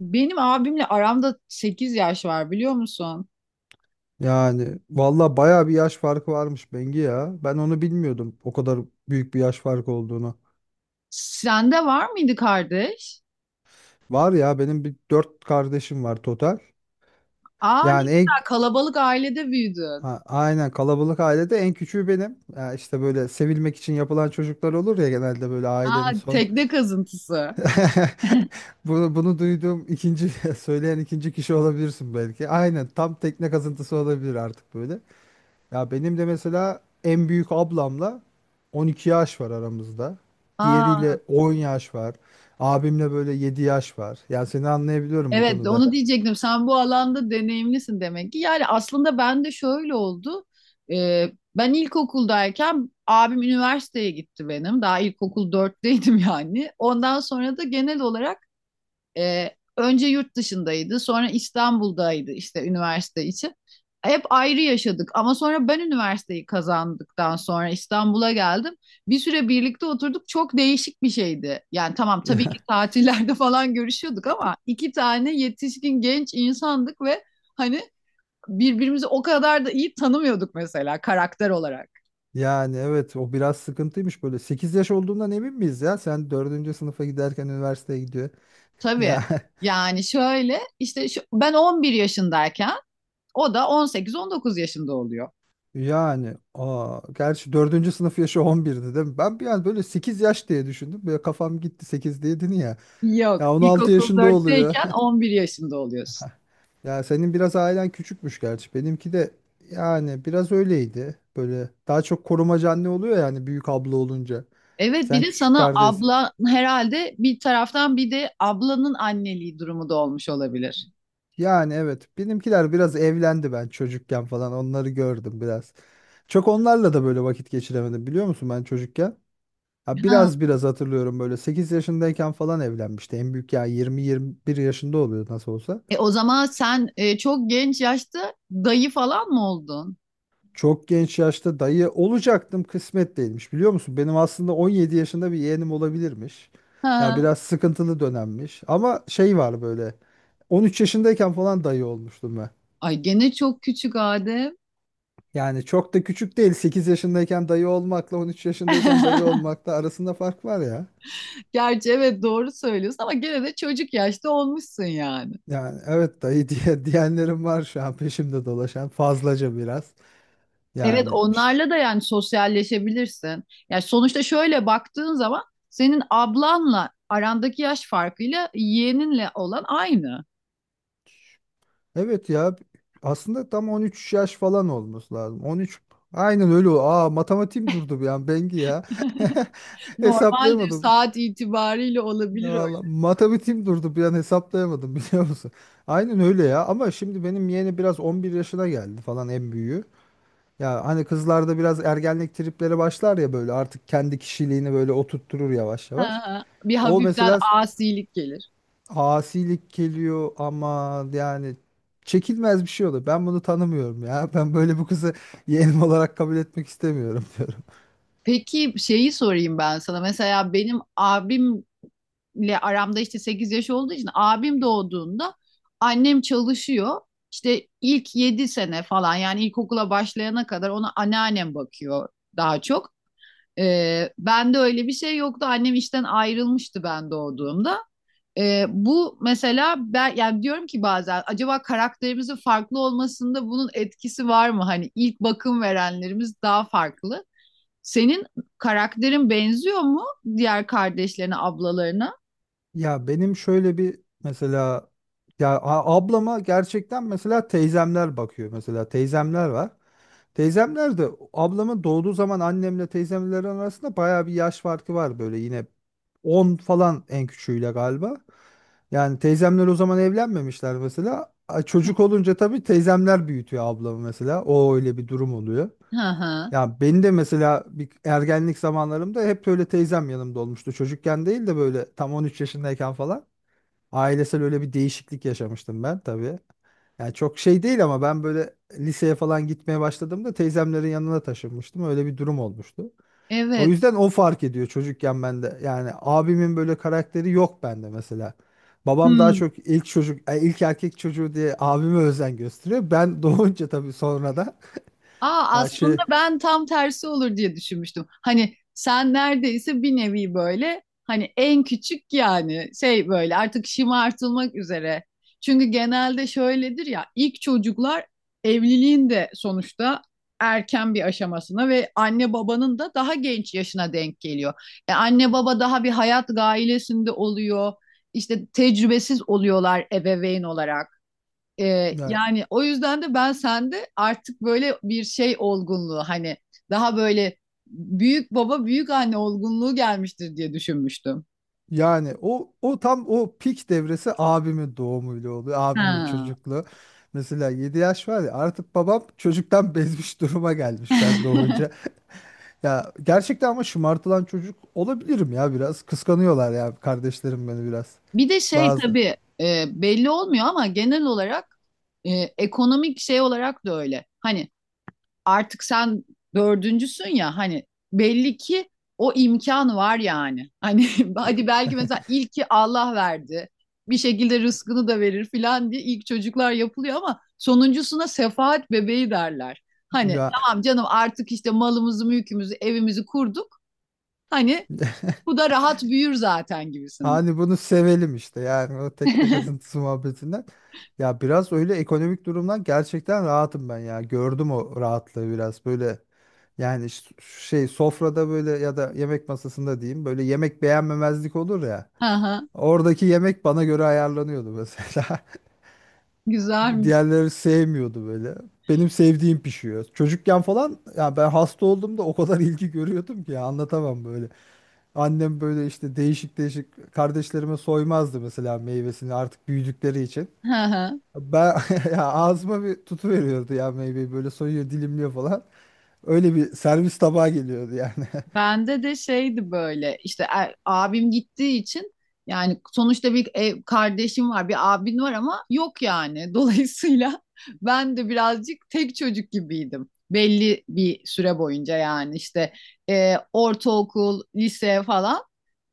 Benim abimle aramda 8 yaş var biliyor musun? Yani valla baya bir yaş farkı varmış Bengi ya. Ben onu bilmiyordum o kadar büyük bir yaş farkı olduğunu. Sende var mıydı kardeş? Var ya benim bir dört kardeşim var total. Aa, ne Yani güzel kalabalık ailede büyüdün. Aynen kalabalık ailede en küçüğü benim. Ya işte böyle sevilmek için yapılan çocuklar olur ya genelde böyle ailenin Aa, son. tekne kazıntısı. Bunu duyduğum ikinci söyleyen ikinci kişi olabilirsin belki. Aynen tam tekne kazıntısı olabilir artık böyle. Ya benim de mesela en büyük ablamla 12 yaş var aramızda. Aa, Diğeriyle 10 yaş var. Abimle böyle 7 yaş var. Yani seni anlayabiliyorum bu evet konuda. onu diyecektim. Sen bu alanda deneyimlisin demek ki. Yani aslında ben de şöyle oldu. Ben ilkokuldayken abim üniversiteye gitti benim. Daha ilkokul 4'teydim yani. Ondan sonra da genel olarak E, önce yurt dışındaydı, sonra İstanbul'daydı işte üniversite için. Hep ayrı yaşadık ama sonra ben üniversiteyi kazandıktan sonra İstanbul'a geldim. Bir süre birlikte oturduk. Çok değişik bir şeydi. Yani tamam tabii ki tatillerde falan görüşüyorduk ama iki tane yetişkin genç insandık ve hani birbirimizi o kadar da iyi tanımıyorduk mesela karakter olarak. Yani evet o biraz sıkıntıymış böyle. 8 yaş olduğundan emin miyiz ya? Sen dördüncü sınıfa giderken üniversiteye gidiyor. Tabii. Ya Yani şöyle işte ben 11 yaşındayken o da 18-19 yaşında oluyor. yani gerçi dördüncü sınıf yaşı 11'di değil mi? Ben bir an böyle 8 yaş diye düşündüm. Böyle kafam gitti 8 diye dedin ya. Yok. Ya 16 İlkokul yaşında oluyor. 4'teyken 11 yaşında oluyorsun. Ya senin biraz ailen küçükmüş gerçi. Benimki de yani biraz öyleydi. Böyle daha çok korumacı anne oluyor yani büyük abla olunca. Evet, bir Sen de küçük sana kardeş. abla herhalde bir taraftan bir de ablanın anneliği durumu da olmuş olabilir. Yani evet benimkiler biraz evlendi ben çocukken falan onları gördüm biraz. Çok onlarla da böyle vakit geçiremedim biliyor musun ben çocukken? Ha, Ha. biraz biraz hatırlıyorum böyle 8 yaşındayken falan evlenmişti. En büyük ya 20-21 yaşında oluyor nasıl olsa. O zaman sen çok genç yaşta dayı falan mı oldun? Çok genç yaşta dayı olacaktım kısmet değilmiş biliyor musun? Benim aslında 17 yaşında bir yeğenim olabilirmiş. Ya Ha. biraz sıkıntılı dönemmiş ama şey var böyle 13 yaşındayken falan dayı olmuştum ben. Ay, gene çok küçük Adem. Yani çok da küçük değil 8 yaşındayken dayı olmakla 13 yaşındayken dayı olmakla arasında fark var ya. Gerçi evet doğru söylüyorsun ama gene de çocuk yaşta olmuşsun yani. Yani evet dayı diye diyenlerim var şu an peşimde dolaşan fazlaca biraz. Evet, Yani onlarla da yani sosyalleşebilirsin. Yani sonuçta şöyle baktığın zaman senin ablanla arandaki yaş farkıyla yeğeninle olan aynı. Evet ya aslında tam 13 yaş falan olması lazım. 13 aynen öyle. O- Aa matematiğim durdu bir an Bengi ya. Normaldir, Hesaplayamadım. saat itibariyle Ya olabilir öyle. vallahi matematiğim durdu bir an hesaplayamadım biliyor musun? Aynen öyle ya ama şimdi benim yeğeni biraz 11 yaşına geldi falan en büyüğü. Ya hani kızlarda biraz ergenlik tripleri başlar ya böyle artık kendi kişiliğini böyle oturtturur yavaş Ha, yavaş. ha. Bir O hafiften mesela asilik gelir. asilik geliyor ama yani çekilmez bir şey olur. Ben bunu tanımıyorum ya. Ben böyle bu kızı yeğenim olarak kabul etmek istemiyorum diyorum. Peki şeyi sorayım ben sana. Mesela benim abimle aramda işte 8 yaş olduğu için abim doğduğunda annem çalışıyor. İşte ilk 7 sene falan yani ilkokula başlayana kadar ona anneannem bakıyor daha çok. Bende öyle bir şey yoktu. Annem işten ayrılmıştı ben doğduğumda. Bu mesela ben yani diyorum ki bazen acaba karakterimizin farklı olmasında bunun etkisi var mı? Hani ilk bakım verenlerimiz daha farklı. Senin karakterin benziyor mu diğer kardeşlerine, ablalarına? Ya benim şöyle bir mesela ya ablama gerçekten mesela teyzemler bakıyor. Mesela teyzemler var. Teyzemler de ablamın doğduğu zaman annemle teyzemlerin arasında bayağı bir yaş farkı var böyle yine 10 falan en küçüğüyle galiba. Yani teyzemler o zaman evlenmemişler mesela. Çocuk olunca tabii teyzemler büyütüyor ablamı mesela. O öyle bir durum oluyor. Hı hı. Ya beni de mesela bir ergenlik zamanlarımda hep böyle teyzem yanımda olmuştu. Çocukken değil de böyle tam 13 yaşındayken falan. Ailesel öyle bir değişiklik yaşamıştım ben tabii. Yani çok şey değil ama ben böyle liseye falan gitmeye başladığımda teyzemlerin yanına taşınmıştım. Öyle bir durum olmuştu. O Evet. yüzden o fark ediyor çocukken bende. Yani abimin böyle karakteri yok bende mesela. Babam daha Hmm. çok ilk çocuk, ilk erkek çocuğu diye abime özen gösteriyor. Ben doğunca tabii sonra da Aa, ya aslında şey ben tam tersi olur diye düşünmüştüm. Hani sen neredeyse bir nevi böyle hani en küçük yani şey böyle artık şımartılmak üzere. Çünkü genelde şöyledir ya ilk çocuklar evliliğin de sonuçta erken bir aşamasına ve anne babanın da daha genç yaşına denk geliyor. Anne baba daha bir hayat gailesinde oluyor. İşte tecrübesiz oluyorlar ebeveyn olarak. Ee, yani, yani o yüzden de ben sende artık böyle bir şey olgunluğu hani daha böyle büyük baba büyük anne olgunluğu gelmiştir diye düşünmüştüm. yani o tam o pik devresi abimin doğumuyla oluyor. Abimin Ha. çocukluğu. Mesela 7 yaş var ya artık babam çocuktan bezmiş duruma gelmiş ben doğunca. Ya gerçekten ama şımartılan çocuk olabilirim ya biraz. Kıskanıyorlar ya kardeşlerim beni biraz. Bir de şey Bazı. tabii belli olmuyor ama genel olarak e, ekonomik şey olarak da öyle. Hani artık sen dördüncüsün ya hani belli ki o imkan var yani. Hani hadi belki mesela ilki Allah verdi. Bir şekilde rızkını da verir filan diye ilk çocuklar yapılıyor ama sonuncusuna sefaat bebeği derler. Hani Ya tamam canım artık işte malımızı, mülkümüzü, evimizi kurduk. Hani bu da rahat büyür zaten gibisinde. hani bunu sevelim işte yani o tekne kazıntısı muhabbetinden. Ya biraz öyle ekonomik durumdan gerçekten rahatım ben ya. Gördüm o rahatlığı biraz böyle. Yani şey sofrada böyle ya da yemek masasında diyeyim böyle yemek beğenmemezlik olur ya. Aha, Oradaki yemek bana göre ayarlanıyordu mesela. güzelmiş. Diğerleri sevmiyordu böyle. Benim sevdiğim pişiyor. Çocukken falan ya ben hasta olduğumda o kadar ilgi görüyordum ki ya, anlatamam böyle. Annem böyle işte değişik değişik kardeşlerime soymazdı mesela meyvesini artık büyüdükleri için. Aha. Ben ya ağzıma bir tutu veriyordu ya meyveyi böyle soyuyor dilimliyor falan. Öyle bir servis tabağı geliyordu yani. Bende de şeydi böyle işte abim gittiği için yani sonuçta bir ev, kardeşim var bir abin var ama yok yani. Dolayısıyla ben de birazcık tek çocuk gibiydim. Belli bir süre boyunca yani işte ortaokul, lise falan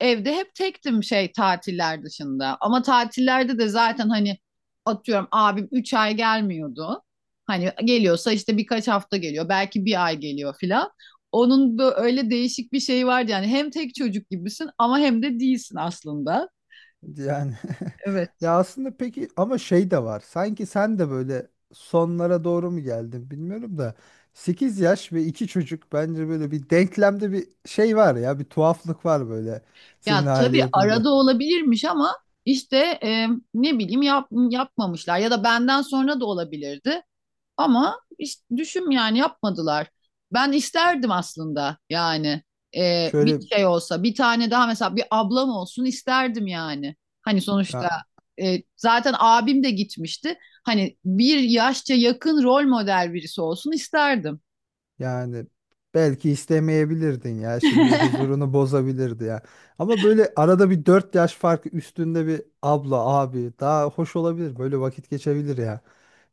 evde hep tektim şey tatiller dışında. Ama tatillerde de zaten hani atıyorum abim 3 ay gelmiyordu. Hani geliyorsa işte birkaç hafta geliyor belki bir ay geliyor filan. Onun böyle öyle değişik bir şeyi vardı yani hem tek çocuk gibisin ama hem de değilsin aslında. Yani Evet. ya aslında peki ama şey de var. Sanki sen de böyle sonlara doğru mu geldin bilmiyorum da 8 yaş ve 2 çocuk bence böyle bir denklemde bir şey var ya bir tuhaflık var böyle senin Ya aile tabii yapında. arada olabilirmiş ama işte e, ne bileyim yapmamışlar ya da benden sonra da olabilirdi. Ama işte düşün yani yapmadılar. Ben isterdim aslında yani bir Şöyle şey olsa bir tane daha mesela bir ablam olsun isterdim yani. Hani ya, sonuçta zaten abim de gitmişti. Hani bir yaşça yakın rol model birisi olsun isterdim. yani belki istemeyebilirdin ya şimdi huzurunu bozabilirdi ya. Ama böyle arada bir 4 yaş farkı üstünde bir abla abi daha hoş olabilir böyle vakit geçebilir ya.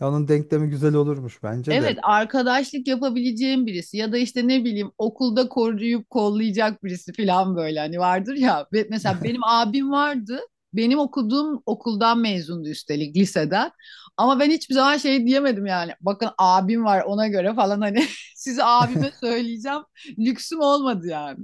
Ya onun denklemi güzel olurmuş bence de. Evet, arkadaşlık yapabileceğim birisi ya da işte ne bileyim okulda koruyup kollayacak birisi falan böyle hani vardır ya. Ve mesela benim abim vardı. Benim okuduğum okuldan mezundu üstelik liseden. Ama ben hiçbir zaman şey diyemedim yani. Bakın abim var ona göre falan hani size abime söyleyeceğim. Lüksüm olmadı yani.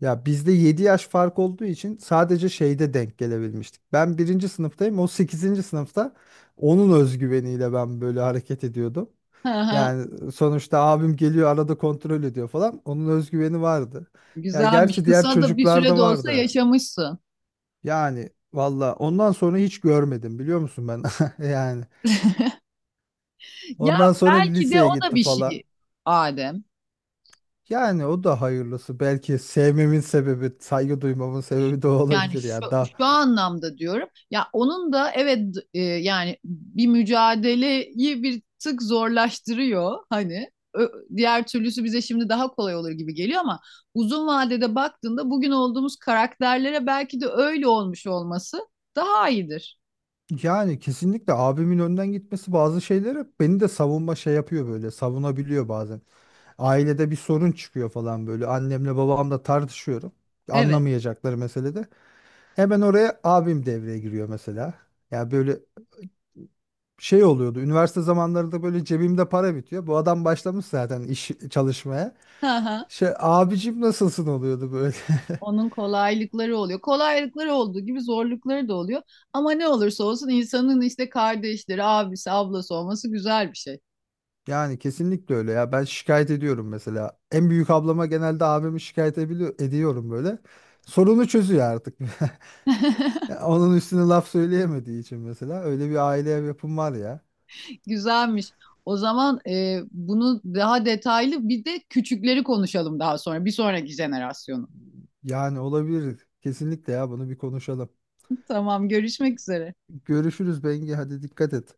Ya bizde 7 yaş fark olduğu için sadece şeyde denk gelebilmiştik. Ben birinci sınıftayım. O sekizinci sınıfta onun özgüveniyle ben böyle hareket ediyordum. Hı hı. Yani sonuçta abim geliyor arada kontrol ediyor falan. Onun özgüveni vardı. Ya Güzelmiş. gerçi diğer Kısa da bir süre çocuklarda de olsa vardı. yaşamışsın. Yani valla ondan sonra hiç görmedim biliyor musun ben? Yani Ya ondan sonra belki de o liseye da gitti bir şey falan. Adem. Yani o da hayırlısı. Belki sevmemin sebebi, saygı duymamın sebebi de o Yani olabilir şu, ya. şu anlamda diyorum. Ya onun da evet yani bir mücadeleyi bir tık zorlaştırıyor hani. Diğer türlüsü bize şimdi daha kolay olur gibi geliyor ama uzun vadede baktığında bugün olduğumuz karakterlere belki de öyle olmuş olması daha iyidir. Yani kesinlikle abimin önden gitmesi bazı şeylere beni de savunma şey yapıyor böyle savunabiliyor bazen. Ailede bir sorun çıkıyor falan böyle annemle babamla tartışıyorum. Evet. Anlamayacakları meselede. Hemen oraya abim devreye giriyor mesela. Ya böyle şey oluyordu üniversite zamanlarında böyle cebimde para bitiyor. Bu adam başlamış zaten iş çalışmaya. Hı hı. Şey abicim nasılsın oluyordu böyle. Onun kolaylıkları oluyor. Kolaylıkları olduğu gibi zorlukları da oluyor. Ama ne olursa olsun insanın işte kardeşleri, abisi, ablası olması güzel bir şey. Yani kesinlikle öyle ya. Ben şikayet ediyorum mesela. En büyük ablama genelde abimi şikayet ediyorum böyle. Sorunu çözüyor artık. Ya onun üstüne laf söyleyemediği için mesela öyle bir aile yapım var ya. Güzelmiş. O zaman bunu daha detaylı bir de küçükleri konuşalım daha sonra. Bir sonraki jenerasyonu. Yani olabilir. Kesinlikle ya bunu bir konuşalım. Tamam, görüşmek üzere. Görüşürüz Bengi hadi dikkat et.